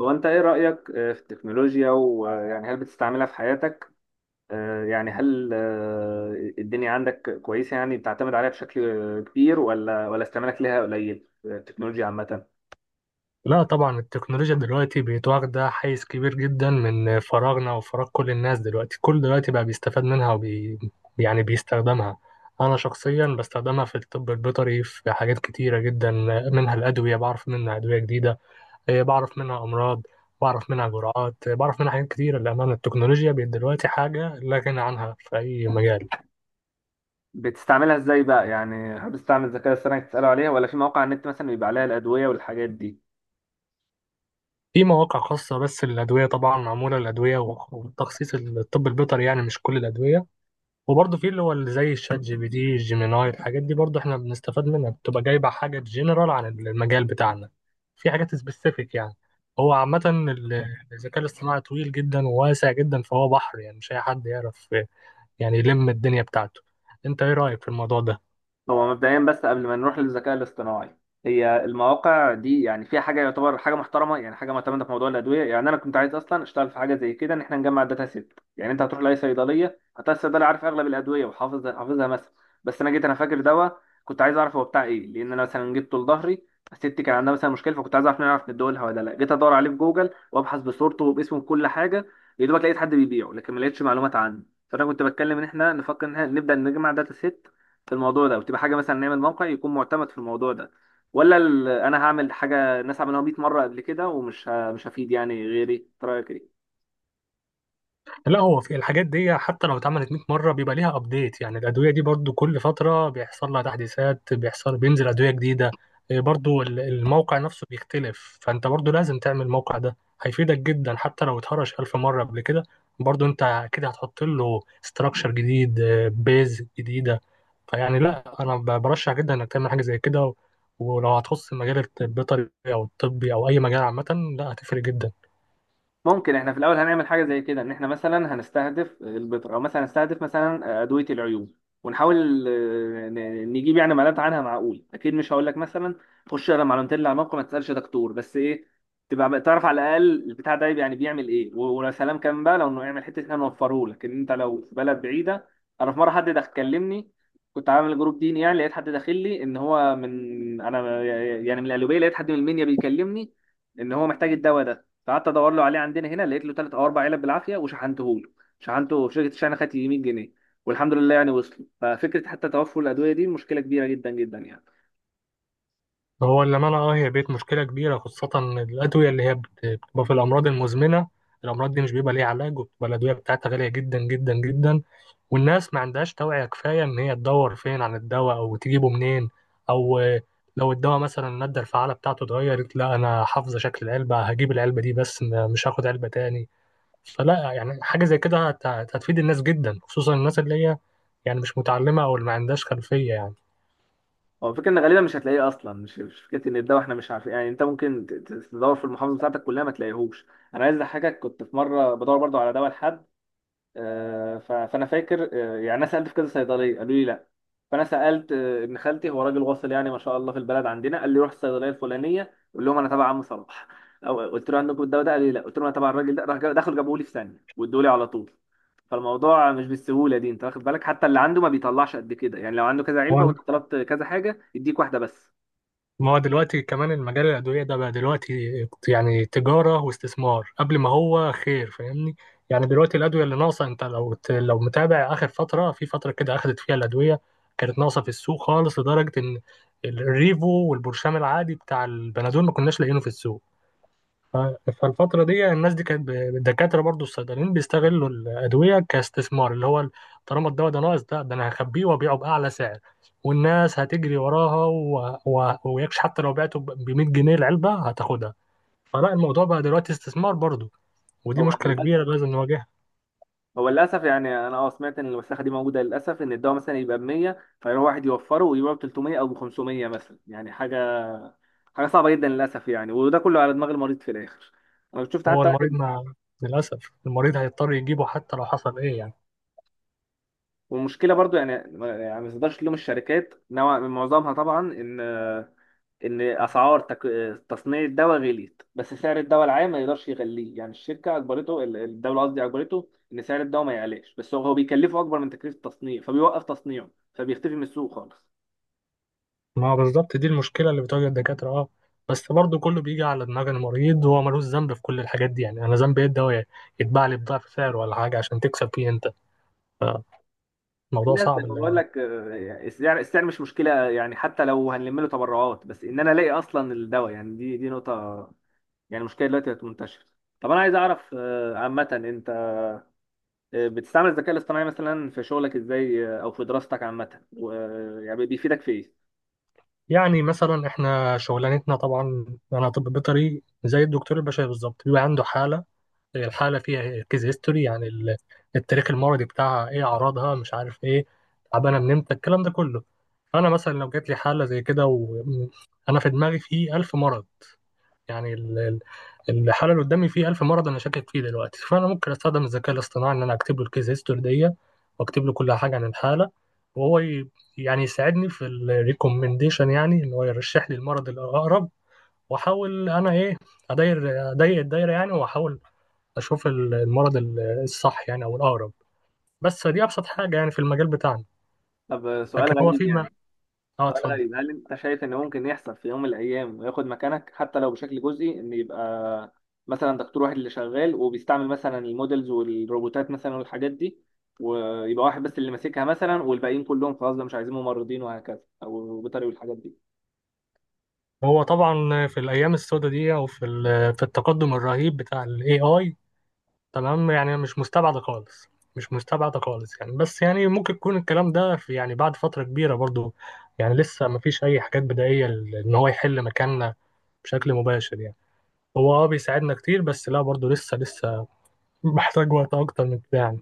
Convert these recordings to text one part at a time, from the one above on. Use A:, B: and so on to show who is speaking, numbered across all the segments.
A: هو انت ايه رأيك في التكنولوجيا ويعني هل بتستعملها في حياتك؟ يعني هل الدنيا عندك كويسة؟ يعني بتعتمد عليها بشكل كبير، ولا استعمالك ليها قليل؟ التكنولوجيا عامة
B: لا، طبعا التكنولوجيا دلوقتي بقت واخدة حيز كبير جدا من فراغنا وفراغ كل الناس دلوقتي، كل دلوقتي بقى بيستفاد منها يعني بيستخدمها. أنا شخصيا بستخدمها في الطب البيطري في حاجات كتيرة جدا، منها الأدوية، بعرف منها أدوية جديدة، بعرف منها أمراض، بعرف منها جرعات، بعرف منها حاجات كتيرة. للأمانة التكنولوجيا بقت دلوقتي حاجة لا غنى عنها في أي مجال.
A: بتستعملها ازاي بقى؟ يعني هل بتستعمل الذكاء الاصطناعي تسأله عليها، ولا في مواقع على النت مثلا بيبقى عليها الأدوية والحاجات دي؟
B: في مواقع خاصة بس للأدوية، طبعا معمولة للأدوية وتخصيص الطب البيطري، يعني مش كل الأدوية. وبرضه في اللي هو اللي زي الشات جي بي دي جيميناي، الحاجات دي برضه احنا بنستفاد منها، بتبقى جايبه حاجه جنرال عن المجال بتاعنا، في حاجات سبيسيفيك يعني. هو عامة الذكاء الاصطناعي طويل جدا وواسع جدا، فهو بحر، يعني مش أي حد يعرف يعني يلم الدنيا بتاعته. أنت إيه رأيك في الموضوع ده؟
A: هو مبدئيا، بس قبل ما نروح للذكاء الاصطناعي، هي المواقع دي يعني فيها حاجه يعتبر حاجه محترمه، يعني حاجه معتمده في موضوع الادويه؟ يعني انا كنت عايز اصلا اشتغل في حاجه زي كده، ان احنا نجمع داتا سيت. يعني انت هتروح لاي صيدليه هتلاقي الصيدلي عارف اغلب الادويه وحافظ حافظها مثلا. بس انا جيت انا فاكر دواء كنت عايز اعرف هو بتاع ايه، لان انا مثلا جبته لظهري. ستي كان عندها مثلا مشكله، فكنت عايز اعرف نعرف ندولها ولا لا. جيت ادور عليه في جوجل وابحث بصورته وباسمه بكل حاجه، يا دوبك لقيت حد بيبيعه لكن ما لقيتش معلومات عنه. فانا كنت بتكلم ان احنا نفكر ان احنا نبدا نجمع داتا سيت في الموضوع ده، وتبقى حاجه مثلا نعمل موقع يكون معتمد في الموضوع ده. ولا انا هعمل حاجه الناس عملوها 100 مره قبل كده، ومش مش هفيد يعني غيري؟ إنت رايك إيه؟
B: لا، هو في الحاجات دي حتى لو اتعملت 100 مرة بيبقى ليها ابديت، يعني الأدوية دي برضو كل فترة بيحصل لها تحديثات، بينزل أدوية جديدة. إيه، برضو الموقع نفسه بيختلف، فأنت برضو لازم تعمل الموقع ده، هيفيدك جدا حتى لو اتهرش ألف مرة قبل كده. برضو أنت كده هتحط له ستراكشر جديد، بيز جديدة. فيعني لا، أنا برشح جدا إنك تعمل حاجة زي كده، ولو هتخص المجال الطبي أو الطبي أو أي مجال عامة، لا هتفرق جدا.
A: ممكن احنا في الاول هنعمل حاجه زي كده، ان احنا مثلا هنستهدف البذر، او مثلا هنستهدف مثلا ادويه العيوب، ونحاول نجيب يعني معلومات عنها معقول. اكيد مش هقول لك مثلا خش اقرا معلومتين اللي على الموقع ما تسالش دكتور، بس ايه؟ تبقى بقى تعرف على الاقل البتاع ده يعني بيعمل ايه، ولو سلام كان بقى لو انه يعمل حته احنا نوفره لك ان انت لو في بلد بعيده. انا في مره حد دخل كلمني، كنت عامل جروب ديني يعني، لقيت حد داخل لي ان هو من انا، يعني من القليوبيه، لقيت حد من المنيا بيكلمني ان هو محتاج الدواء ده. فقعدت ادور له عليه عندنا هنا، لقيت له ثلاث او اربع علب بالعافيه وشحنته له. شحنته في شركه الشحن، خدت 100 جنيه، والحمد لله يعني وصل. ففكره حتى توفر الادويه دي مشكله كبيره جدا جدا يعني.
B: هو للأمانة، هي بقت مشكلة كبيرة، خاصة الأدوية اللي هي بتبقى في الأمراض المزمنة. الأمراض دي مش بيبقى ليها علاج، وبتبقى الأدوية بتاعتها غالية جدا جدا جدا، والناس ما عندهاش توعية كفاية إن هي تدور فين عن الدواء أو تجيبه منين، أو لو الدواء مثلا المادة الفعالة بتاعته اتغيرت، لا أنا حافظة شكل العلبة هجيب العلبة دي بس، مش هاخد علبة تاني. فلا، يعني حاجة زي كده هتفيد الناس جدا، خصوصا الناس اللي هي يعني مش متعلمة أو اللي ما عندهاش خلفية يعني.
A: هو الفكره ان غالبا مش هتلاقيه اصلا، مش فكره ان الدواء احنا مش عارفين، يعني انت ممكن تدور في المحافظه بتاعتك كلها ما تلاقيهوش. انا عايز اضحكك، كنت في مره بدور برضو على دواء لحد، فانا فاكر يعني انا سالت في كذا صيدليه قالوا لي لا. فانا سالت ابن خالتي، هو راجل واصل يعني ما شاء الله في البلد عندنا، قال لي روح الصيدليه الفلانيه قول لهم انا تبع عم صلاح او قلت له عندكم الدواء ده؟ قال لي لا. قلت له انا تبع الراجل ده، راح دخلوا جابوه لي في ثانيه، وادوا لي على طول. فالموضوع مش بالسهوله دي انت واخد بالك، حتى اللي عنده ما بيطلعش قد كده يعني، لو عنده كذا علبه وانت طلبت كذا حاجه يديك واحده بس.
B: ما هو دلوقتي كمان المجال الأدوية ده بقى دلوقتي يعني تجارة واستثمار، قبل ما هو خير، فاهمني؟ يعني دلوقتي الأدوية اللي ناقصة، أنت لو متابع آخر فترة، في فترة كده أخدت فيها الأدوية كانت ناقصة في السوق خالص، لدرجة إن الريفو والبرشام العادي بتاع البنادول ما كناش لاقيينه في السوق. ف- فالفترة دي الناس دي كانت الدكاترة برضو الصيدليين بيستغلوا الأدوية كاستثمار، اللي هو طالما الدواء ده ناقص، ده أنا هخبيه وأبيعه بأعلى سعر، والناس هتجري وراها ويكش، حتى لو بعته ب 100 جنيه العلبة هتاخدها. فلا، الموضوع بقى دلوقتي استثمار برضو، ودي
A: هو
B: مشكلة كبيرة
A: يعني،
B: لازم نواجهها.
A: هو للاسف يعني انا سمعت ان المساحه دي موجوده للاسف، ان الدواء مثلا يبقى ب 100 فيروح واحد يوفره ويبيعه ب 300 او ب 500 مثلا، يعني حاجه صعبه جدا للاسف يعني، وده كله على دماغ المريض في الاخر. انا شفت
B: هو
A: حتى
B: المريض
A: واحد.
B: ما للأسف المريض هيضطر يجيبه حتى لو حصل إيه يعني.
A: والمشكله برضو يعني ما تقدرش تلوم الشركات نوع من معظمها طبعا، ان اسعار تصنيع الدواء غليت، بس سعر الدواء العام ما يقدرش يغليه، يعني الشركه اجبرته الدوله قصدي اجبرته ان سعر الدواء ما يعلاش، بس هو بيكلفه اكبر من تكلفه التصنيع، فبيوقف تصنيعه، فبيختفي من السوق خالص.
B: ما هو بالظبط دي المشكلة اللي بتواجه الدكاترة. اه بس برضه كله بيجي على دماغ المريض، هو ملوش ذنب في كل الحاجات دي، يعني أنا ذنبي إيه؟ الدواء يتباع لي بضعف سعر ولا حاجة عشان تكسب فيه أنت؟
A: في
B: فالموضوع
A: ناس
B: صعب
A: انا بقول
B: للأمانة.
A: لك، السعر مش مشكله، يعني حتى لو هنلم له تبرعات، بس ان انا الاقي اصلا الدواء، يعني دي نقطه، يعني مشكله دلوقتي بقت منتشره. طب انا عايز اعرف عامه انت بتستعمل الذكاء الاصطناعي مثلا في شغلك ازاي؟ او في دراستك عامه، يعني بيفيدك في ايه؟
B: يعني مثلا إحنا شغلانتنا، طبعا أنا طب بيطري زي الدكتور البشري بالظبط، بيبقى عنده حالة، الحالة فيها كيز هيستوري، يعني التاريخ المرضي بتاعها إيه، أعراضها، مش عارف إيه، تعبانة من إمتى، الكلام ده كله. أنا مثلا لو جات لي حالة زي كده، وأنا في دماغي فيه ألف مرض، يعني الحالة اللي قدامي فيه 1000 مرض أنا شاكك فيه دلوقتي، فأنا ممكن أستخدم الذكاء الاصطناعي إن أنا أكتب له الكيس هيستوري دي، وأكتب له كل حاجة عن الحالة، وهو يعني يساعدني في الريكومنديشن، يعني إن هو يرشح لي المرض الأقرب، وأحاول أنا إيه، أداير أضيق الدايرة يعني، وأحاول أشوف المرض الصح يعني، أو الأقرب. بس دي أبسط حاجة يعني في المجال بتاعنا.
A: طب
B: لكن هو فيما. أه،
A: سؤال
B: اتفضل.
A: غريب، هل انت شايف ان ممكن يحصل في يوم من الايام وياخد مكانك حتى لو بشكل جزئي؟ ان يبقى مثلا دكتور واحد اللي شغال وبيستعمل مثلا المودلز والروبوتات مثلا والحاجات دي، ويبقى واحد بس اللي ماسكها مثلا، والباقيين كلهم خلاص ده مش عايزين ممرضين وهكذا، او بيطري والحاجات دي.
B: هو طبعا في الأيام السوداء دي، أو في التقدم الرهيب بتاع ال AI، تمام يعني مش مستبعدة خالص، مش مستبعدة خالص يعني. بس يعني ممكن يكون الكلام ده في يعني بعد فترة كبيرة برضو. يعني لسه مفيش أي حاجات بدائية إن هو يحل مكاننا بشكل مباشر يعني. هو بيساعدنا كتير، بس لا، برضو لسه محتاج وقت أكتر من كده يعني.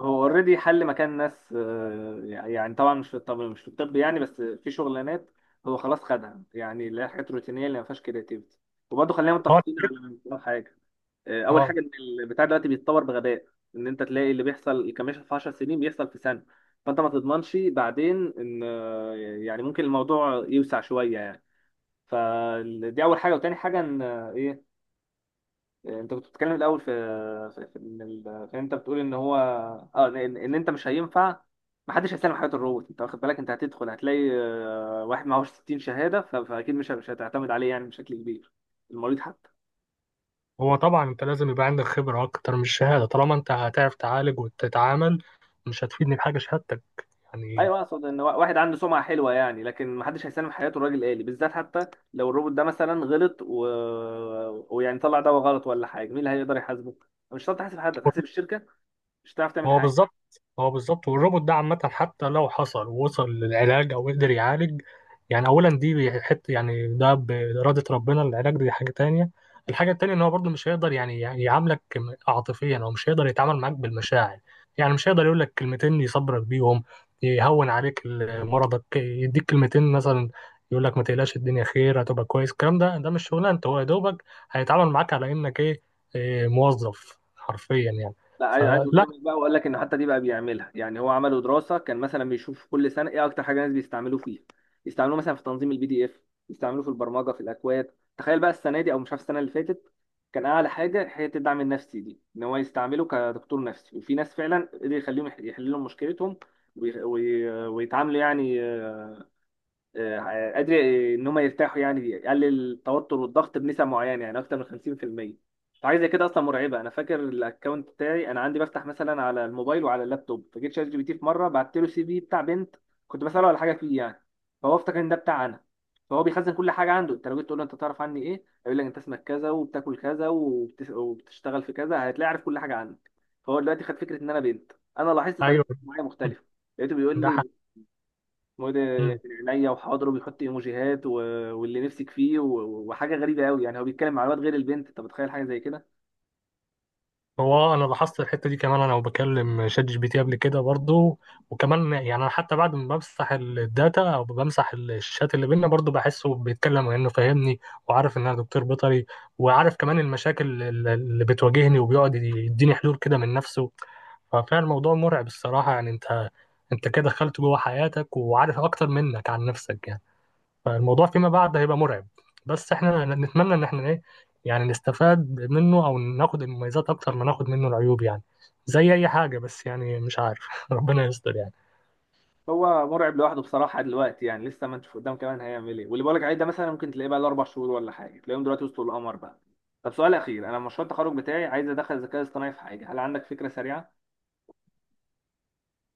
A: هو اوريدي حل مكان ناس، يعني طبعا مش في الطب، مش في الطب يعني، بس في شغلانات هو خلاص خدها، يعني اللي هي حاجات روتينيه اللي ما فيهاش كرياتيفيتي. وبرضه خلينا
B: اه
A: متفقين
B: الحاجات-
A: على حاجه. اول
B: اه
A: حاجه ان البتاع دلوقتي بيتطور بغباء، ان انت تلاقي اللي بيحصل كمثل في 10 سنين بيحصل في سنه، فانت ما تضمنش بعدين ان، يعني ممكن الموضوع يوسع شويه يعني. فدي اول حاجه، وتاني حاجه ان، آه، ايه آه، انت كنت بتتكلم الاول في في ان ال- في إن انت بتقول ان هو اه ان إن انت مش هينفع، ما حدش هيسلم حياه الروبوت، انت واخد بالك انت هتدخل هتلاقي واحد معهوش 60 شهاده، فاكيد مش هتعتمد عليه يعني بشكل كبير. المريض حتى.
B: هو طبعا أنت لازم يبقى عندك خبرة أكتر من الشهادة، طالما أنت هتعرف تعالج وتتعامل، مش هتفيدني بحاجة شهادتك يعني.
A: ايوه، اقصد ان واحد عنده سمعه حلوه يعني، لكن محدش هيسلم حياته الراجل آلي بالذات. حتى لو الروبوت ده مثلا غلط ويعني طلع دواء غلط ولا حاجه، مين اللي هيقدر يحاسبه؟ مش هتعرف تحاسب حد، هتحاسب الشركه، مش هتعرف تعمل
B: هو
A: حاجه.
B: بالظبط، هو بالظبط، والروبوت ده عامة حتى لو حصل ووصل للعلاج أو قدر يعالج، يعني أولا دي حتة، يعني ده بإرادة ربنا العلاج، دي حاجة تانية. الحاجة التانية إن هو برضه مش هيقدر يعني يعاملك عاطفيا، أو مش هيقدر يتعامل معاك بالمشاعر، يعني مش هيقدر يقول لك كلمتين يصبرك بيهم، يهون عليك مرضك، يديك كلمتين مثلا يقول لك ما تقلقش الدنيا خير هتبقى كويس. الكلام ده مش شغلانته، هو يا دوبك هيتعامل معاك على إنك إيه، موظف حرفيا يعني.
A: لا، عايز
B: فلا،
A: اصدمك بقى واقول لك ان حتى دي بقى بيعملها. يعني هو عملوا دراسه كان مثلا بيشوف كل سنه ايه اكتر حاجه الناس بيستعملوه فيها، يستعملوه مثلا في تنظيم البي دي اف، يستعملوه في البرمجه في الاكواد. تخيل بقى السنه دي او مش عارف السنه اللي فاتت، كان اعلى حاجه حته الدعم النفسي دي، ان هو يستعمله كدكتور نفسي، وفي ناس فعلا قدر يخليهم يحللوا مشكلتهم ويتعاملوا يعني. قادر ان هم يرتاحوا يعني، يقلل التوتر والضغط بنسب معينه، يعني اكتر من 50%. فحاجه زي كده اصلا مرعبه. انا فاكر الاكونت بتاعي، انا عندي بفتح مثلا على الموبايل وعلى اللابتوب، فجيت شات جي بي تي في مره بعت له سي في بتاع بنت، كنت بساله على حاجه فيه يعني، فهو افتكر ان ده بتاع انا، فهو بيخزن كل حاجه عنده. انت لو جيت تقول له انت تعرف عني ايه، هيقول لك انت اسمك كذا وبتاكل كذا وبتشتغل في كذا، هتلاقي عارف كل حاجه عنك. فهو دلوقتي خد فكره ان انا بنت، انا لاحظت طريقه
B: ايوه.
A: معايا مختلفه، لقيته بيقول
B: ده حق.
A: لي مود
B: مم.
A: من عينيا وحاضر وبيحط ايموجيهات واللي نفسك فيه وحاجه غريبه قوي يعني، هو بيتكلم مع الواد غير البنت، انت متخيل حاجه زي كده؟
B: هو انا لاحظت الحته دي كمان، انا وبكلم شات جي بي تي قبل كده برضو، وكمان يعني انا حتى بعد ما بمسح الداتا او بمسح الشات اللي بينا، برضو بحسه بيتكلم انه فاهمني، وعارف ان انا دكتور بيطري، وعارف كمان المشاكل اللي بتواجهني، وبيقعد يديني حلول كده من نفسه. ففعلا الموضوع مرعب الصراحه يعني، انت كده دخلت جوه حياتك وعارف اكتر منك عن نفسك يعني. فالموضوع فيما بعد هيبقى مرعب، بس احنا نتمنى ان احنا ايه، يعني نستفاد منه او ناخد المميزات اكتر ما ناخد منه العيوب يعني، زي اي حاجه بس، يعني مش عارف. ربنا يستر يعني.
A: هو مرعب لوحده بصراحه دلوقتي يعني، لسه ما نشوف قدام كمان هيعمل ايه. واللي بقولك عليه ده مثلا ممكن تلاقيه بقى له اربع شهور ولا حاجه، تلاقيهم دلوقتي وصلوا القمر بقى. طب سؤال اخير، انا مشروع التخرج بتاعي عايز ادخل الذكاء الاصطناعي في حاجه، هل عندك فكره سريعه؟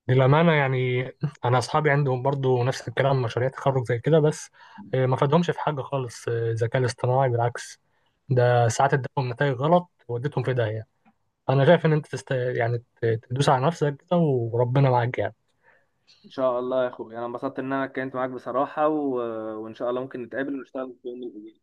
B: للامانه يعني، انا اصحابي عندهم برضو نفس الكلام، مشاريع تخرج زي كده، بس ما فادهمش في حاجه خالص. الذكاء الاصطناعي بالعكس ده ساعات اداهم نتائج غلط وودتهم في داهيه. انا شايف ان انت يعني تدوس على نفسك كده، وربنا معاك يعني
A: ان شاء الله يا اخويا، انا انبسطت ان انا اتكلمت معاك بصراحه، وان شاء الله ممكن نتقابل ونشتغل في يوم من الايام.